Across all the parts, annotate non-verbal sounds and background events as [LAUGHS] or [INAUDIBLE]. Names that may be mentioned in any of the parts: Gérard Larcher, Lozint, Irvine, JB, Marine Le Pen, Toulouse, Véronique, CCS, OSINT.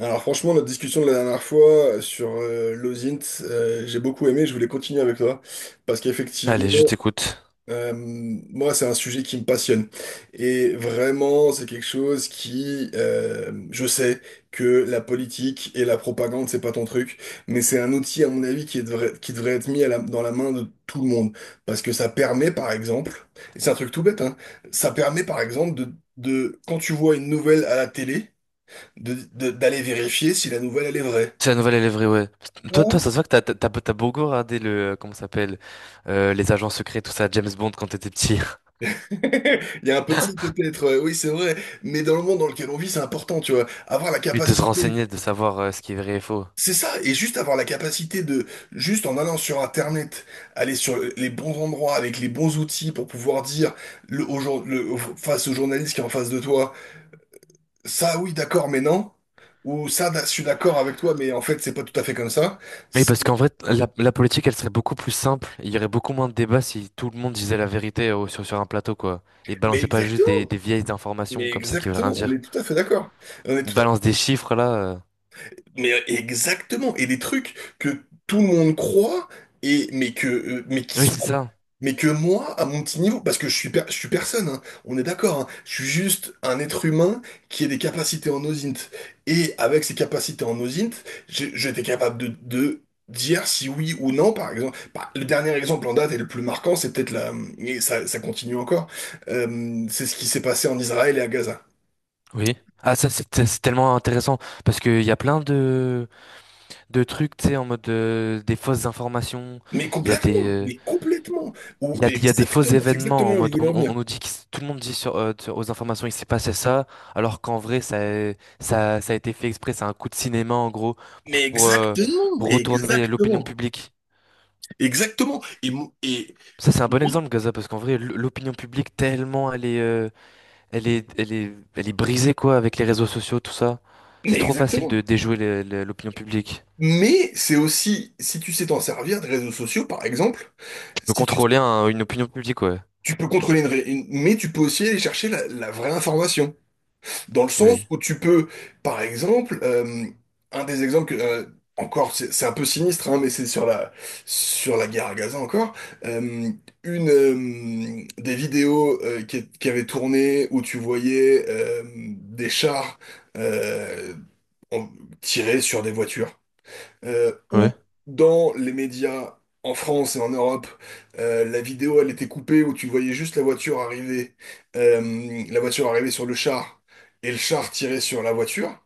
Alors franchement, notre discussion de la dernière fois sur Lozint, j'ai beaucoup aimé, je voulais continuer avec toi, parce Allez, je qu'effectivement, t'écoute. Moi, c'est un sujet qui me passionne. Et vraiment, c'est quelque chose qui, je sais que la politique et la propagande, c'est pas ton truc, mais c'est un outil, à mon avis, qui devrait être mis à dans la main de tout le monde, parce que ça permet, par exemple, et c'est un truc tout bête, hein, ça permet, par exemple, quand tu vois une nouvelle à la télé, d'aller vérifier si la nouvelle, elle est vraie. C'est la nouvelle élèverie, ouais. Toi, Ou, toi, ça se voit que t'as beaucoup regardé le, comment ça s'appelle, les agents secrets, tout ça, James Bond quand t'étais petit. [LAUGHS] il y a un peu de ça [LAUGHS] peut-être, oui, c'est vrai, mais dans le monde dans lequel on vit, c'est important, tu vois, avoir la Et de se capacité, renseigner, de savoir ce qui est vrai et faux. c'est ça, et juste avoir la capacité juste en allant sur Internet, aller sur les bons endroits, avec les bons outils pour pouvoir dire, le, au jour- le- au- face au journaliste qui est en face de toi, ça, oui, d'accord, mais non, ou ça, je suis d'accord avec toi, mais en fait, c'est pas tout à fait comme ça. Mais C'est- parce qu'en vrai, la politique, elle serait beaucoup plus simple. Il y aurait beaucoup moins de débats si tout le monde disait la vérité sur, sur un plateau, quoi. Et Mais balançait pas juste exactement, des vieilles informations mais comme ça qui veulent rien exactement, on est dire. tout à fait d'accord. On est Ils tout à balancent des chiffres, là. Mais exactement, et des trucs que tout le monde croit et mais que mais qui Oui, sont c'est ça. mais que moi à mon petit niveau parce que je suis je suis personne hein, on est d'accord hein, je suis juste un être humain qui a des capacités en osint et avec ces capacités en osint j'étais capable de dire si oui ou non par exemple. Bah, le dernier exemple en date et le plus marquant c'est peut-être la, et ça continue encore, c'est ce qui s'est passé en Israël et à Gaza. Oui. Ah, ça, c'est tellement intéressant parce qu'il y a plein de trucs, tu sais, en mode des fausses informations. Mais Il y a des, complètement, euh, mais complètement. Ou il y a des faux exactement, c'est événements exactement en là où je mode voulais en on venir. nous dit que tout le monde dit aux informations il s'est passé ça, alors qu'en vrai ça a été fait exprès. C'est un coup de cinéma en gros pour Mais pour, euh, exactement, pour retourner l'opinion exactement, publique. exactement. Ça c'est un bon Moi, exemple Gaza parce qu'en vrai l'opinion publique tellement elle est, elle est elle est brisée quoi avec les réseaux sociaux tout ça. C'est mais trop facile de exactement. déjouer l'opinion publique. Mais c'est aussi, si tu sais t'en servir des réseaux sociaux, par exemple, De si tu, contrôler une opinion publique, ouais. tu peux contrôler mais tu peux aussi aller chercher la vraie information. Dans le sens Oui. où tu peux, par exemple, un des exemples que, encore, c'est un peu sinistre, hein, mais c'est sur la guerre à Gaza encore, euh, une des vidéos qui avaient tourné où tu voyais des chars euh, en- tirer sur des voitures où Ouais. dans les médias en France et en Europe, la vidéo elle était coupée où tu voyais juste la voiture arriver sur le char et le char tirer sur la voiture.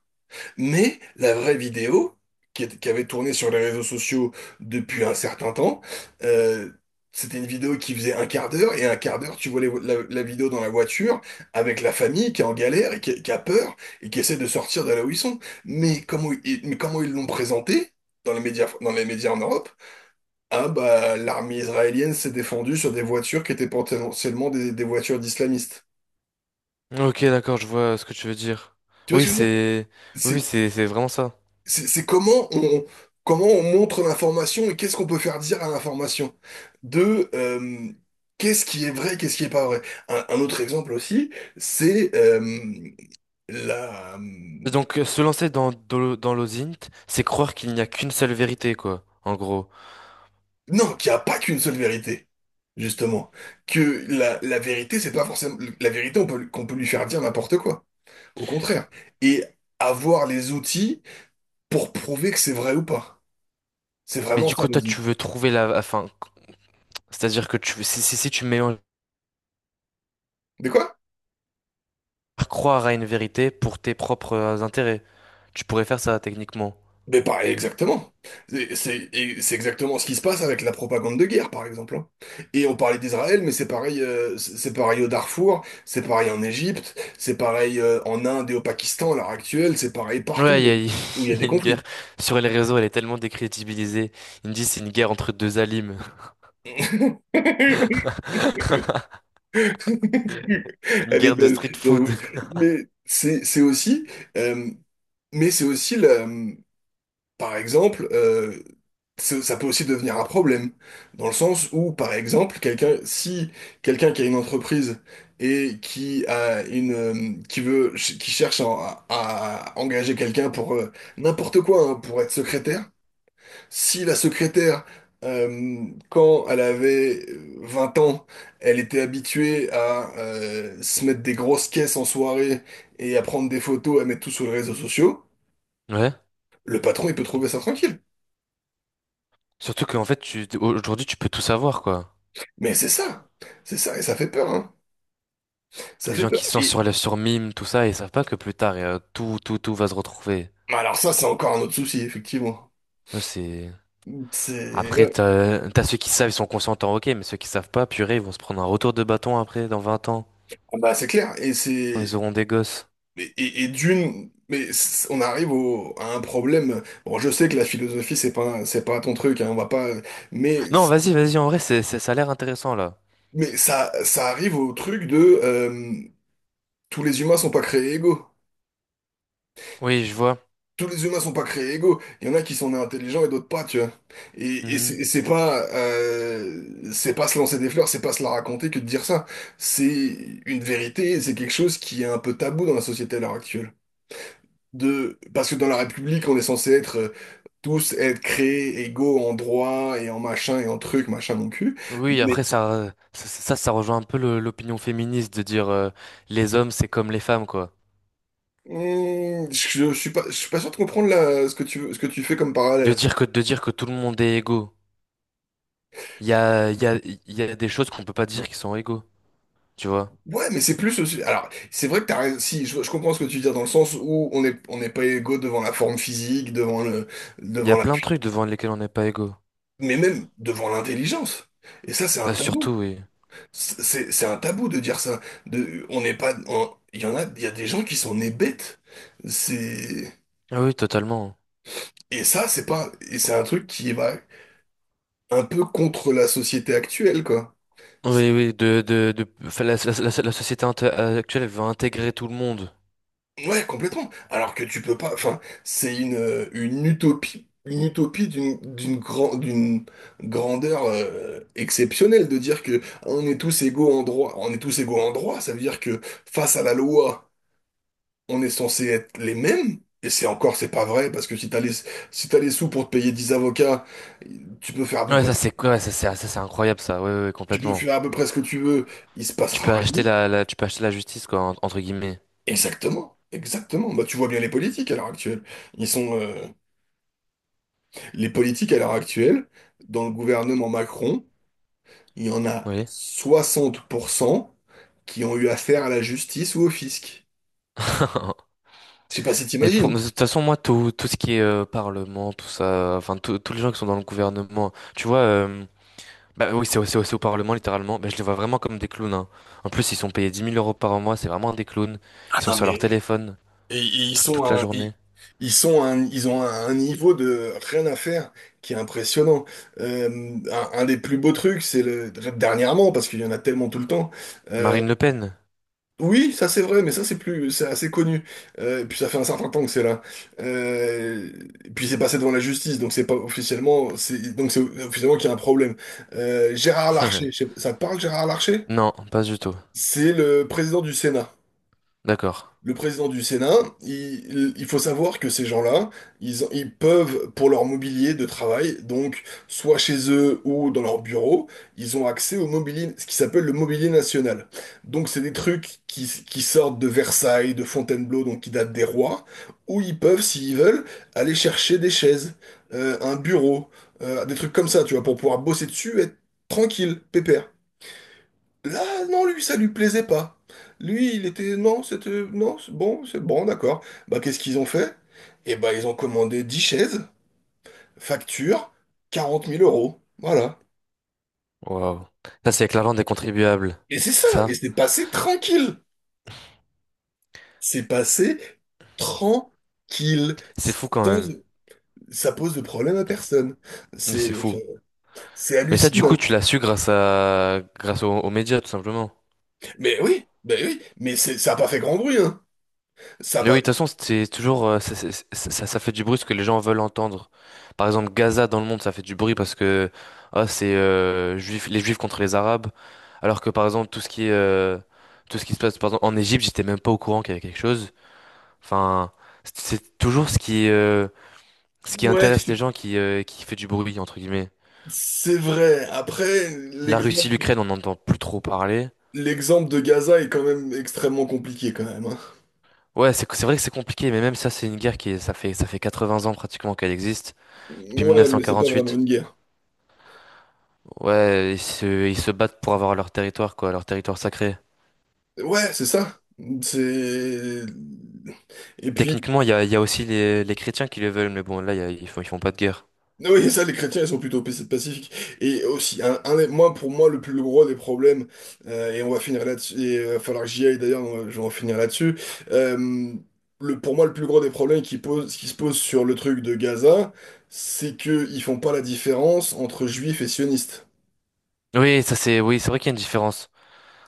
Mais la vraie vidéo, qui avait tourné sur les réseaux sociaux depuis un certain temps, euh, c'était une vidéo qui faisait un quart d'heure, et un quart d'heure, tu vois la vidéo dans la voiture, avec la famille qui est en galère, qui a peur, et qui essaie de sortir de là où ils sont. Mais comment ils l'ont présenté dans les médias en Europe? Ah bah, l'armée israélienne s'est défendue sur des voitures qui étaient potentiellement des voitures d'islamistes. Ok, d'accord, je vois ce que tu veux dire. Tu vois Oui, ce que je veux dire? Oui, oui, c'est vraiment ça. C'est comment on, comment on montre l'information et qu'est-ce qu'on peut faire dire à l'information. De qu'est-ce qui est vrai, qu'est-ce qui est pas vrai. Un autre exemple aussi, c'est la, Et donc, se lancer dans l'OSINT, c'est croire qu'il n'y a qu'une seule vérité, quoi, en gros. Non, qu'il n'y a pas qu'une seule vérité, justement. Que la vérité, c'est pas forcément. La vérité, on peut, qu'on peut lui faire dire n'importe quoi. Au contraire. Et avoir les outils pour prouver que c'est vrai ou pas. C'est Mais vraiment du ça, coup, le toi, tu zit. veux trouver la, enfin, c'est-à-dire que tu, si tu mélanges De quoi? croire à une vérité pour tes propres intérêts, tu pourrais faire ça, techniquement. Mais pareil, exactement. C'est exactement ce qui se passe avec la propagande de guerre, par exemple, hein. Et on parlait d'Israël, mais c'est pareil au Darfour, c'est pareil en Égypte, c'est pareil en Inde et au Pakistan à l'heure actuelle, c'est pareil Ouais, partout il y a, où il [LAUGHS] y a il y des a une guerre conflits. sur les réseaux, elle est tellement décrédibilisée. Ils me disent c'est une guerre entre deux alims. [LAUGHS] [LAUGHS] Une Elle est guerre de belle, street j'avoue. food. Mais c'est aussi, euh, mais c'est aussi la, par exemple, ça ça peut aussi devenir un problème, dans le sens où, par exemple, quelqu'un, si quelqu'un qui a une entreprise et qui a une, qui cherche à engager quelqu'un pour n'importe quoi, hein, pour être secrétaire, si la secrétaire, quand elle avait 20 ans, elle était habituée à se mettre des grosses caisses en soirée et à prendre des photos, à mettre tout sur les réseaux sociaux, Ouais. le patron, il peut trouver ça tranquille. Surtout qu'en fait, aujourd'hui, tu peux tout savoir, quoi. Mais c'est ça, et ça fait peur, hein. Ça Les fait gens peur. qui sont Et sur les sur Mime, tout ça, ils savent pas que plus tard, tout va se retrouver. alors ça, c'est encore un autre souci, effectivement. Non, c'est... C'est Après, ouais. T'as ceux qui savent, ils sont consentants, ok, mais ceux qui savent pas, purée, ils vont se prendre un retour de bâton après, dans 20 ans, Ah bah c'est clair. Et quand c'est ils auront des gosses. et, d'une, mais c'est, on arrive au, à un problème. Bon, je sais que la philosophie, c'est pas ton truc, hein, on va pas. Mais Non, vas-y, vas-y, en vrai, ça a l'air intéressant, là. mais ça ça arrive au truc de, euh, tous les humains sont pas créés égaux. Oui, je vois. Tous les humains sont pas créés égaux. Il y en a qui sont nés intelligents et d'autres pas, tu vois. Et, Mhm. C'est pas se lancer des fleurs, c'est pas se la raconter que de dire ça. C'est une vérité, et c'est quelque chose qui est un peu tabou dans la société à l'heure actuelle. De, parce que dans la République, on est censé être tous être créés égaux en droit et en machin et en truc, machin mon cul. Oui, après, Mais ça rejoint un peu l'opinion féministe de dire les hommes, c'est comme les femmes, quoi. Je suis pas sûr de comprendre ce que tu fais comme parallèle. De dire que tout le monde est égaux. Il y a, il y a, il y a des choses qu'on peut pas dire qui sont égaux, tu vois. Ouais, mais c'est plus aussi. Alors, c'est vrai que t'as raison. Si, je comprends ce que tu dis dans le sens où on n'est pas égaux devant la forme physique, devant Il y devant a la, plein de trucs devant lesquels on n'est pas égaux. mais même devant l'intelligence. Et ça, c'est un Ah, tabou. surtout, oui. C'est, c'est un tabou de dire ça. De, on n'est pas. Il y en a, il y a des gens qui sont nés bêtes. C'est, Ah oui, totalement. et ça, c'est pas. Et c'est un truc qui va un peu contre la société actuelle, quoi. Oui, oui, enfin, la société actuelle, elle veut intégrer tout le monde. Ouais, complètement. Alors que tu peux pas. Enfin, c'est une utopie d'une grandeur exceptionnelle de dire que on est tous égaux en droit. On est tous égaux en droit. Ça veut dire que face à la loi, on est censé être les mêmes. Et c'est encore, c'est pas vrai parce que si t'as les sous pour te payer 10 avocats, tu peux faire à peu Ouais, près ça ce que, c'est quoi? Ça c'est incroyable, ça. Ouais, ouais, ouais, tu peux complètement. faire à peu près ce que tu veux. Il se Tu passera peux rien. acheter tu peux acheter la justice, quoi, entre guillemets. Exactement, exactement. Bah, tu vois bien les politiques à l'heure actuelle. Ils sont... Les politiques à l'heure actuelle, dans le gouvernement Macron, il y en a Oui. 60% qui ont eu affaire à la justice ou au fisc. [LAUGHS] Je sais pas si Mais pour, t'imagines. de toute façon, moi, tout ce qui est parlement, tout ça, enfin, tous les gens qui sont dans le gouvernement, tu vois, euh. C'est au c'est au Parlement, littéralement. Bah, je les vois vraiment comme des clowns, hein. En plus, ils sont payés 10 000 euros par mois, c'est vraiment des clowns. Ah Ils sont non, sur mais leur téléphone et- et ils sont toute la à un, journée. ils, ils ont un niveau de rien à faire qui est impressionnant. Un des plus beaux trucs, c'est le dernièrement parce qu'il y en a tellement tout le temps. euh, Marine Le Pen? Oui, ça c'est vrai, mais ça c'est plus, c'est assez connu. Et puis ça fait un certain temps que c'est là. Euh, et puis c'est passé devant la justice, donc c'est pas officiellement, c'est donc c'est officiellement qu'il y a un problème. Gérard Larcher, [LAUGHS] ça te parle Gérard Larcher? Non, pas du tout. C'est le président du Sénat. D'accord. Le président du Sénat, il faut savoir que ces gens-là, ils peuvent, pour leur mobilier de travail, donc soit chez eux ou dans leur bureau, ils ont accès au mobilier, ce qui s'appelle le mobilier national. Donc c'est des trucs qui sortent de Versailles, de Fontainebleau, donc qui datent des rois, où ils peuvent, s'ils veulent, aller chercher des chaises, un bureau, des trucs comme ça, tu vois, pour pouvoir bosser dessus, être tranquille, pépère. Là, non, lui, ça lui plaisait pas. Lui, il était, non, c'était, non, c'est bon, d'accord. Bah, qu'est-ce qu'ils ont fait? Eh bah, ils ont commandé 10 chaises, facture, quarante mille euros. Voilà. Waouh. Ça, c'est avec l'argent des contribuables. Et c'est ça, et Ça, c'est passé tranquille. C'est passé tranquille. c'est fou quand Sans, même. ça pose de problème à personne. C'est C'est, fou. c'est Mais ça, du coup, hallucinant. tu l'as su grâce aux, aux médias, tout simplement. Mais oui, ben oui, mais c'est, ça n'a pas fait grand bruit, hein. Ça a Mais oui, pas, de toute façon, c'est toujours ça fait du bruit ce que les gens veulent entendre. Par exemple, Gaza dans le monde, ça fait du bruit parce que ah, c'est les Juifs contre les Arabes. Alors que par exemple, tout ce qui est, tout ce qui se passe par exemple, en Égypte, j'étais même pas au courant qu'il y avait quelque chose. Enfin, c'est toujours ce qui ouais, intéresse les gens qui fait du bruit entre guillemets. c'est vrai. Après, La Russie, l'exemple. l'Ukraine, on n'entend plus trop parler. L'exemple de Gaza est quand même extrêmement compliqué quand même, hein. Ouais, c'est vrai que c'est compliqué, mais même ça, c'est une guerre ça fait 80 ans pratiquement qu'elle existe depuis Ouais, mais c'est pas vraiment 1948. une guerre. Ouais, ils se battent pour avoir leur territoire, quoi, leur territoire sacré. Ouais, c'est ça. C'est... Et puis, Techniquement, il y a aussi les chrétiens qui le veulent, mais bon, là, ils font pas de guerre. oui, ça, les chrétiens, ils sont plutôt pacifiques. Et aussi, un moi, pour moi, le plus gros des problèmes, et on va finir là-dessus, et il va falloir que j'y aille d'ailleurs, je vais en finir là-dessus. Euh, le pour moi, le plus gros des problèmes qui, pose, qui se posent sur le truc de Gaza, c'est qu'ils font pas la différence entre juifs et sionistes. Oui, oui, c'est vrai qu'il y a une différence.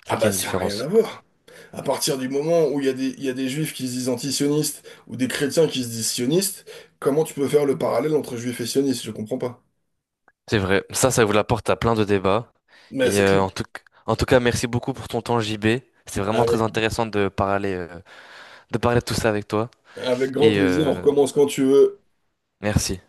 C'est Ah vrai qu'il y bah, a une ça n'a rien à différence. voir. À partir du moment où il y a des, il y a des juifs qui se disent antisionistes ou des chrétiens qui se disent sionistes, comment tu peux faire le parallèle entre juifs et sionistes? Je comprends pas. C'est vrai. Ça vous la porte à plein de débats. Mais Et c'est clair. En tout cas, merci beaucoup pour ton temps, JB. C'est vraiment Avec, très intéressant de parler, de parler de tout ça avec toi. avec grand Et plaisir, on recommence quand tu veux. merci.